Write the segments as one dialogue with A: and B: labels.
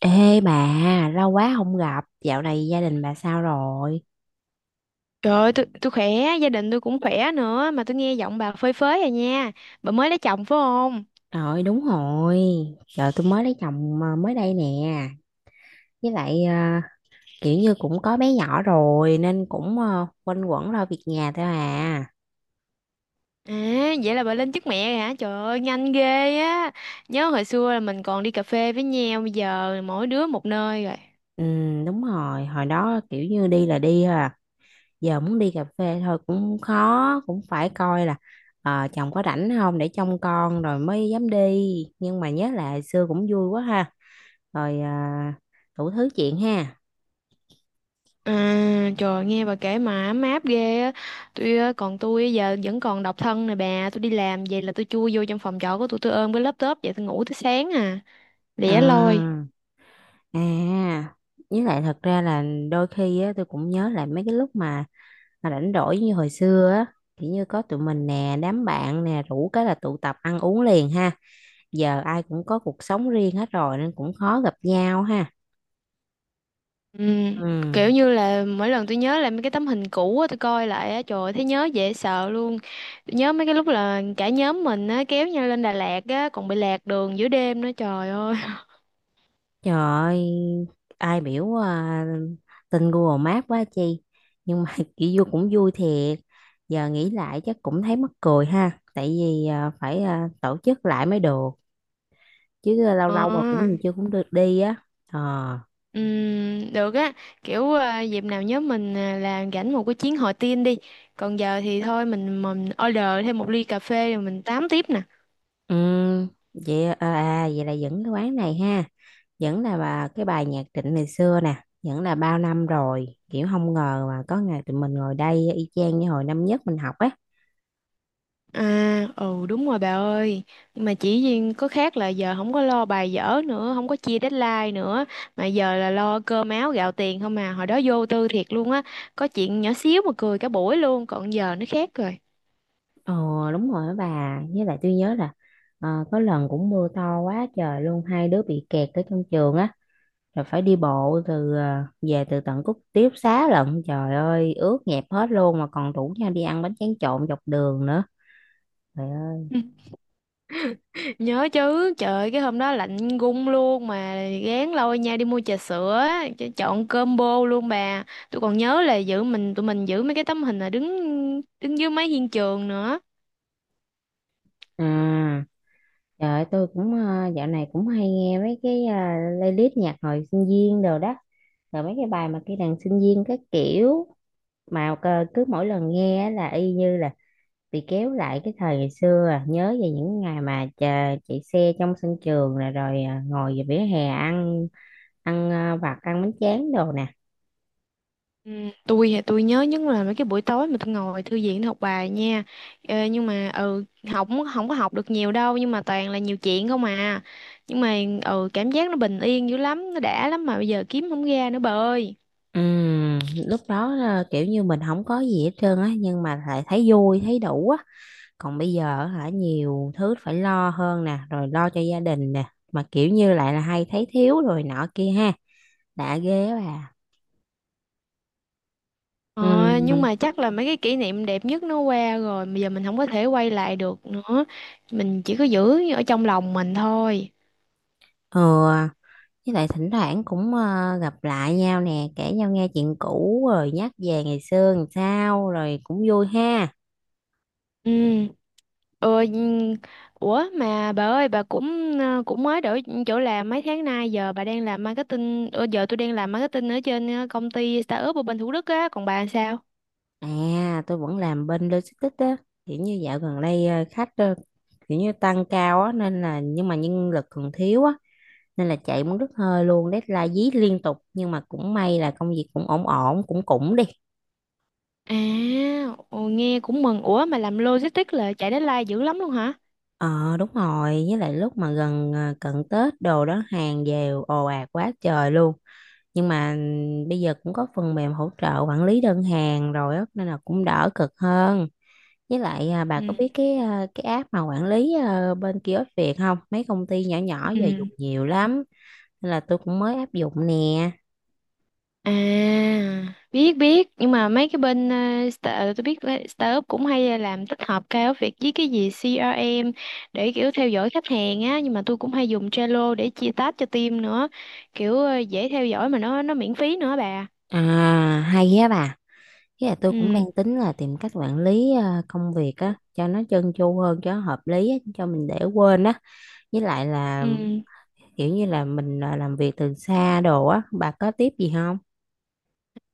A: Ê bà, lâu quá không gặp, dạo này gia đình bà sao rồi?
B: Trời ơi, tôi khỏe, gia đình tôi cũng khỏe nữa. Mà tôi nghe giọng bà phơi phới rồi nha. Bà mới lấy chồng phải không?
A: Rồi đúng rồi, giờ tôi mới lấy chồng à, mới đây nè, với lại kiểu như cũng có bé nhỏ rồi nên cũng quanh quẩn lo việc nhà thôi à.
B: À, vậy là bà lên chức mẹ rồi hả? Trời ơi, nhanh ghê á. Nhớ hồi xưa là mình còn đi cà phê với nhau. Bây giờ mỗi đứa một nơi rồi.
A: Ừ đúng rồi, hồi đó kiểu như đi là đi thôi à, giờ muốn đi cà phê thôi cũng khó, cũng phải coi là chồng có rảnh không để trông con rồi mới dám đi, nhưng mà nhớ lại hồi xưa cũng vui quá ha, rồi à, đủ thứ chuyện ha.
B: À, trời nghe bà kể mà ấm áp ghê á. Tôi á, còn tôi giờ vẫn còn độc thân nè bà. Tôi đi làm về là tôi chui vô trong phòng trọ của tôi. Tôi ôm cái laptop vậy tôi ngủ tới sáng à. Lẻ loi.
A: À. À, với lại thật ra là đôi khi á, tôi cũng nhớ lại mấy cái lúc mà rảnh rỗi như hồi xưa á, kiểu như có tụi mình nè, đám bạn nè, rủ cái là tụ tập ăn uống liền ha. Giờ ai cũng có cuộc sống riêng hết rồi nên cũng khó gặp nhau ha.
B: Ừm,
A: Ừ,
B: kiểu như là mỗi lần tôi nhớ lại mấy cái tấm hình cũ á, tôi coi lại á, trời ơi, thấy nhớ dễ sợ luôn. Tôi nhớ mấy cái lúc là cả nhóm mình á kéo nhau lên Đà Lạt á, còn bị lạc đường giữa đêm nữa, trời ơi.
A: trời ơi, ai biểu à, tin Google Maps quá chi. Nhưng mà kiểu vui cũng vui thiệt. Giờ nghĩ lại chắc cũng thấy mắc cười ha, tại vì à, phải à, tổ chức lại mới được. Chứ lâu
B: Ờ,
A: lâu mà cũng chưa cũng được đi á. Ờ,
B: được á. Dịp nào nhóm mình là rảnh một cái chuyến hội tiên đi. Còn giờ thì thôi, mình order thêm một ly cà phê rồi mình tám tiếp nè.
A: ừm, vậy à, à, vậy là vẫn cái quán này ha, vẫn là bà cái bài nhạc Trịnh ngày xưa nè, vẫn là bao năm rồi kiểu không ngờ mà có ngày tụi mình ngồi đây y chang như hồi năm nhất mình học á.
B: À, ừ, đúng rồi bà ơi. Nhưng mà chỉ riêng có khác là giờ không có lo bài vở nữa. Không có chia deadline nữa. Mà giờ là lo cơm áo gạo tiền không à. Hồi đó vô tư thiệt luôn á. Có chuyện nhỏ xíu mà cười cả buổi luôn. Còn giờ nó khác rồi.
A: Ờ đúng rồi á bà, với lại tôi nhớ là có lần cũng mưa to quá trời luôn, hai đứa bị kẹt ở trong trường á, rồi phải đi bộ từ về từ tận Cúc tiếp Xá lận, trời ơi ướt nhẹp hết luôn, mà còn rủ nhau đi ăn bánh tráng trộn dọc đường nữa. Trời ơi.
B: Nhớ chứ, trời ơi, cái hôm đó lạnh gung luôn. Mà gán lôi nhau đi mua trà sữa á, chọn combo luôn bà. Tôi còn nhớ là giữ mình tụi mình giữ mấy cái tấm hình là đứng đứng dưới mái hiên trường nữa.
A: À, trời ơi, tôi cũng dạo này cũng hay nghe mấy cái playlist nhạc hồi sinh viên đồ đó, rồi mấy cái bài mà cái đàn sinh viên các kiểu, mà cứ mỗi lần nghe á là y như là bị kéo lại cái thời ngày xưa à, nhớ về những ngày mà chờ, chạy xe trong sân trường rồi rồi ngồi về vỉa hè ăn ăn vặt ăn bánh tráng đồ nè.
B: Ừ, tôi thì tôi nhớ nhất là mấy cái buổi tối mà tôi ngồi thư viện tôi học bài nha. Nhưng mà ừ, học không không có học được nhiều đâu, nhưng mà toàn là nhiều chuyện không à. Nhưng mà ừ, cảm giác nó bình yên dữ lắm, nó đã lắm, mà bây giờ kiếm không ra nữa bà ơi.
A: Ừm, lúc đó là kiểu như mình không có gì hết trơn á, nhưng mà lại thấy vui thấy đủ á, còn bây giờ hả, nhiều thứ phải lo hơn nè, rồi lo cho gia đình nè, mà kiểu như lại là hay thấy thiếu rồi nọ kia ha, đã ghê á bà.
B: Ờ, nhưng
A: Ừ,
B: mà chắc là mấy cái kỷ niệm đẹp nhất nó qua rồi, bây giờ mình không có thể quay lại được nữa. Mình chỉ có giữ ở trong lòng mình thôi.
A: ừ, với lại thỉnh thoảng cũng gặp lại nhau nè, kể nhau nghe chuyện cũ rồi nhắc về ngày xưa làm sao rồi cũng vui ha.
B: Ừ. Ừ, nhưng- Ủa mà bà ơi, bà cũng cũng mới đổi chỗ làm mấy tháng nay, giờ bà đang làm marketing. Ờ, Giờ tôi đang làm marketing ở trên công ty startup ở bên Thủ Đức á, còn bà sao?
A: À tôi vẫn làm bên logistics á, kiểu như dạo gần đây khách kiểu như tăng cao á nên là, nhưng mà nhân lực còn thiếu á, nên là chạy muốn đứt hơi luôn, deadline dí liên tục, nhưng mà cũng may là công việc cũng ổn ổn, cũng cũng đi.
B: À, ồ, nghe cũng mừng. Ủa mà làm logistics là chạy deadline dữ lắm luôn hả?
A: Ờ đúng rồi, với lại lúc mà gần à, cận Tết đồ đó hàng về ồ ạt quá trời luôn, nhưng mà ừ, bây giờ cũng có phần mềm hỗ trợ quản lý đơn hàng rồi á, nên là cũng đỡ cực hơn. Với lại à, bà có
B: Ừ.
A: biết cái à, cái app mà quản lý à, bên kiosk Việt không, mấy công ty nhỏ nhỏ giờ dùng
B: Ừ.
A: nhiều lắm, nên là tôi cũng mới áp dụng nè.
B: À, biết biết, nhưng mà mấy cái bên tôi biết là startup cũng hay làm tích hợp cao việc với cái gì CRM để kiểu theo dõi khách hàng á, nhưng mà tôi cũng hay dùng Trello để chia task cho team nữa. Kiểu dễ theo dõi mà nó miễn phí nữa bà.
A: À hay á bà. Với là tôi cũng đang
B: Ừ.
A: tính là tìm cách quản lý công việc á cho nó trơn tru hơn, cho nó hợp lý á, cho mình để quên á, với lại là
B: Ừ.
A: kiểu như là mình làm việc từ xa đồ á, bà có tiếp gì không?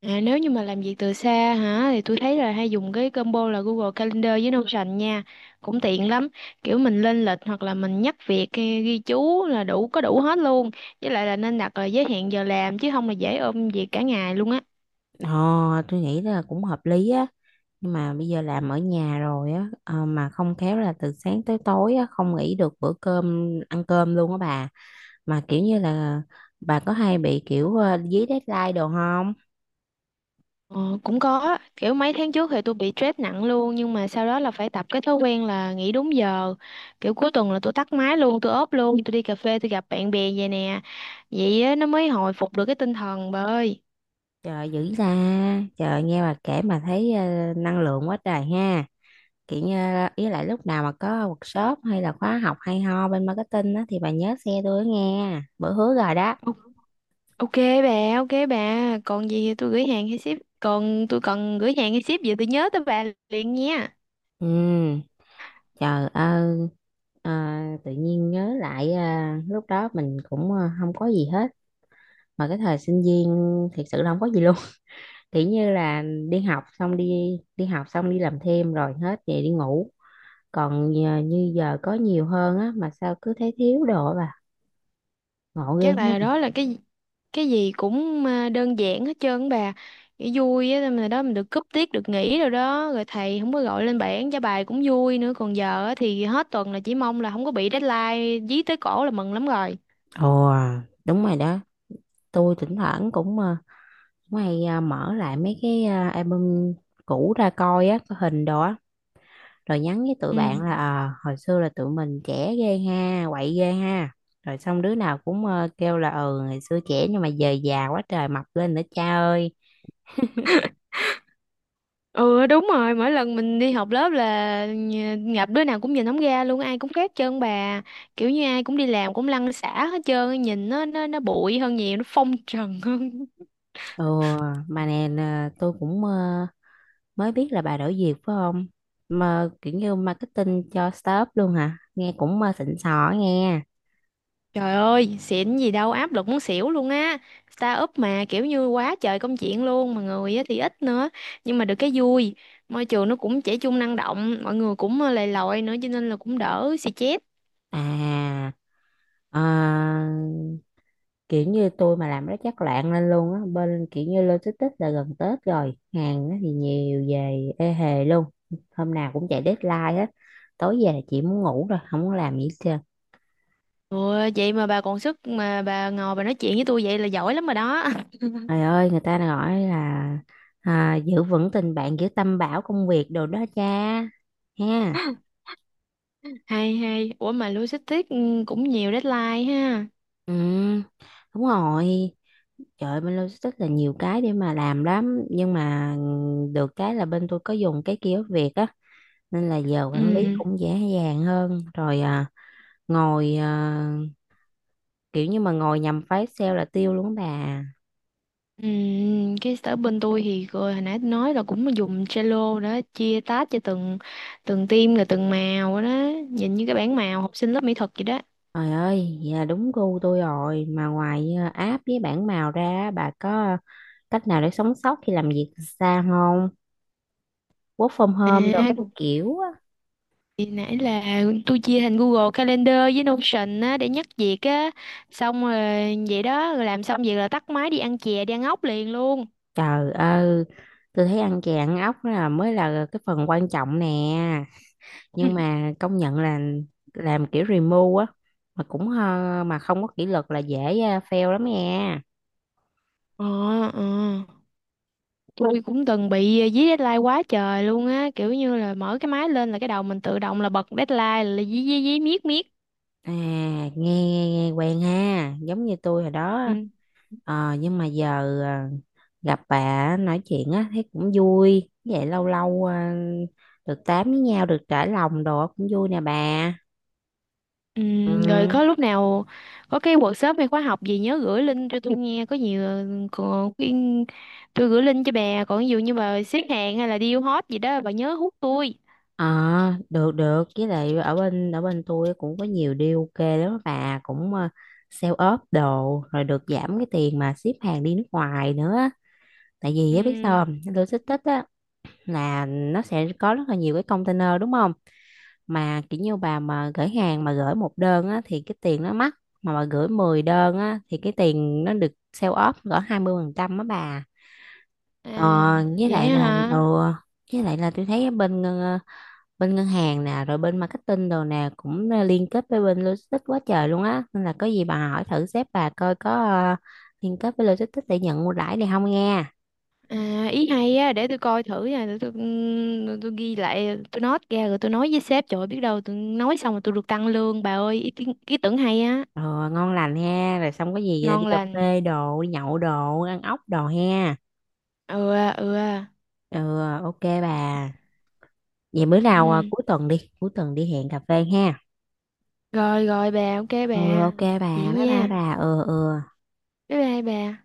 B: À, nếu như mà làm việc từ xa hả, thì tôi thấy là hay dùng cái combo là Google Calendar với Notion nha. Cũng tiện lắm. Kiểu mình lên lịch hoặc là mình nhắc việc hay ghi chú là có đủ hết luôn. Với lại là nên đặt là giới hạn giờ làm, chứ không là dễ ôm việc cả ngày luôn á.
A: Ờ tôi nghĩ là cũng hợp lý á, nhưng mà bây giờ làm ở nhà rồi á, ờ, mà không khéo là từ sáng tới tối á không nghỉ được bữa cơm ăn cơm luôn á bà, mà kiểu như là bà có hay bị kiểu dí deadline đồ không?
B: Ờ, cũng có, kiểu mấy tháng trước thì tôi bị stress nặng luôn, nhưng mà sau đó là phải tập cái thói quen là nghỉ đúng giờ. Kiểu cuối tuần là tôi tắt máy luôn, tôi ốp luôn, tôi đi cà phê, tôi gặp bạn bè vậy nè. Vậy á, nó mới hồi phục được cái tinh thần bà ơi.
A: Trời dữ ra, trời nghe bà kể mà thấy năng lượng quá trời ha, kiểu như là- ý lại lúc nào mà có workshop hay là khóa học hay ho bên marketing á thì bà nhớ xe tôi nghe, bữa hứa rồi đó.
B: Ờ, ok bà, ok bà. Còn gì thì tôi gửi hàng hay ship. Còn tôi cần gửi hàng hay ship gì tôi nhớ tới bà liền nha.
A: Ừ trời ơi, à, tự nhiên nhớ lại à, lúc đó mình cũng à, không có gì hết, mà cái thời sinh viên thiệt sự là không có gì luôn. Kiểu như là đi học xong đi đi học xong đi làm thêm rồi hết về đi ngủ, còn giờ, như giờ có nhiều hơn á mà sao cứ thấy thiếu đồ bà, ngộ ghê
B: Chắc
A: nhé.
B: là đó là cái gì cũng đơn giản hết trơn á bà. Cái vui á mà đó, mình được cúp tiết được nghỉ rồi đó, rồi thầy không có gọi lên bảng trả bài cũng vui nữa. Còn giờ á thì hết tuần là chỉ mong là không có bị deadline dí tới cổ là mừng lắm rồi.
A: Ồ đúng rồi đó, tôi thỉnh thoảng cũng Mày à, mở lại mấy cái à, album cũ ra coi á, có hình đồ á, rồi nhắn với tụi
B: Ừ.
A: bạn là ờ, hồi xưa là tụi mình trẻ ghê ha, quậy ghê ha. Rồi xong đứa nào cũng kêu là ừ ngày xưa trẻ, nhưng mà giờ già quá trời mập lên nữa cha ơi.
B: Ừ đúng rồi, mỗi lần mình đi học lớp là gặp đứa nào cũng nhìn không ra luôn, ai cũng khác trơn bà. Kiểu như ai cũng đi làm cũng lăn xả hết trơn, nhìn nó bụi hơn nhiều, nó phong trần hơn.
A: Ừ mà nè nè, tôi cũng mới biết là bà đổi việc phải không? Mà kiểu như marketing cho startup luôn hả? Nghe cũng xịn sò á nghe.
B: Trời ơi, xịn gì đâu, áp lực muốn xỉu luôn á. Startup mà kiểu như quá trời công chuyện luôn, mà người á thì ít nữa, nhưng mà được cái vui. Môi trường nó cũng trẻ trung năng động, mọi người cũng lầy lội nữa, cho nên là cũng đỡ xì chét.
A: À ờ, kiểu như tôi mà làm nó chắc loạn lên luôn á, bên kiểu như logistics là gần Tết rồi, hàng á thì nhiều về ê hề luôn, hôm nào cũng chạy deadline hết, tối về là chỉ muốn ngủ rồi không muốn làm gì hết trơn.
B: Ừ, vậy mà bà còn sức mà bà ngồi bà nói chuyện với tôi vậy là giỏi lắm rồi đó.
A: Trời ơi người ta gọi là à, giữ vững tình bạn giữ tâm bảo công việc đồ đó cha, ha.
B: Hay hay, ủa mà logistics ừ, cũng nhiều deadline ha.
A: Ừ đúng rồi. Trời ơi, bên logistics là nhiều cái để mà làm lắm, nhưng mà được cái là bên tôi có dùng cái kiosk Việt á, nên là giờ quản lý
B: Ừ.
A: cũng dễ dàng hơn rồi. À, ngồi à, kiểu như mà ngồi nhầm phái sale là tiêu luôn á bà.
B: Ừ. Cái sở bên tôi thì rồi hồi nãy nói là cũng dùng Trello đó, chia task cho từng từng team là từng màu đó, nhìn như cái bảng màu học sinh lớp mỹ thuật vậy đó.
A: Trời ơi dạ đúng gu tôi rồi, mà ngoài à, app với bảng màu ra á, bà có cách nào để sống sót khi làm việc từ xa không, work from home đồ
B: À,
A: các kiểu á.
B: thì nãy là tôi chia thành Google Calendar với Notion á để nhắc việc á. Xong rồi vậy đó, rồi làm xong việc là tắt máy đi ăn chè đi ăn ốc liền luôn.
A: Trời ơi tôi thấy ăn chè ăn ốc là mới là cái phần quan trọng nè,
B: Ừ.
A: nhưng mà công nhận là làm kiểu remote á, mà cũng mà không có kỷ luật là dễ fail lắm nha.
B: Ờ. Ờ. Tôi cũng từng bị dí deadline quá trời luôn á, kiểu như là mở cái máy lên là cái đầu mình tự động là bật deadline là dí dí dí miết miết.
A: À, nghe, nghe, nghe quen ha, giống như tôi hồi đó á.
B: Ừ.
A: Ờ, nhưng mà giờ à, gặp bà nói chuyện á, thấy cũng vui. Vậy lâu lâu à, được tám với nhau, được trải lòng đồ cũng vui nè bà.
B: Ừ,
A: Ừ.
B: rồi có lúc nào có cái workshop hay khóa học gì nhớ gửi link cho tôi nghe có nhiều. còn cái- tôi gửi link cho bà, còn ví dụ như bà xếp hàng hay là deal hot gì đó bà nhớ hút tôi.
A: Ờ, được được, với lại ở bên tôi cũng có nhiều deal ok lắm á bà, cũng sale ốp đồ rồi được giảm cái tiền mà ship hàng đi nước ngoài nữa á. Tại vì á biết
B: Ừ.
A: sao không, logistics á là nó sẽ có rất là nhiều cái container đúng không, mà kiểu như bà mà gửi hàng mà gửi 1 đơn á, thì cái tiền nó mắc, mà bà gửi 10 đơn á, thì cái tiền nó được sale off cỡ 20% á bà.
B: À,
A: Ờ, với
B: vậy
A: lại là ừ,
B: hả?
A: với lại là tôi thấy ờ, bên ngân hàng nè rồi bên marketing đồ nè cũng liên kết với bên logistics quá trời luôn á, nên là có gì bà hỏi thử sếp bà coi có liên kết với logistics để nhận ưu đãi này không nghe.
B: À, ý hay á, để tôi coi thử nha, để tôi ghi lại, tôi note ra rồi tôi nói với sếp, trời ơi, biết đâu tôi nói xong rồi tôi được tăng lương, bà ơi, ý tưởng hay á,
A: Ờ, ngon lành ha, rồi xong có gì đi
B: ngon
A: cà
B: lành,
A: phê đồ đi nhậu đồ ăn ốc đồ ha.
B: ừ, à, ừ, à.
A: Ừ ờ, ok bà, vậy bữa nào à,
B: Ừ,
A: cuối tuần đi, cuối tuần đi hẹn cà phê ha.
B: rồi, rồi bà, ok
A: Ừ
B: bà,
A: ok bà,
B: vậy
A: bye bye. Ok
B: nha,
A: bà, ừ ừ.
B: bye bye bà.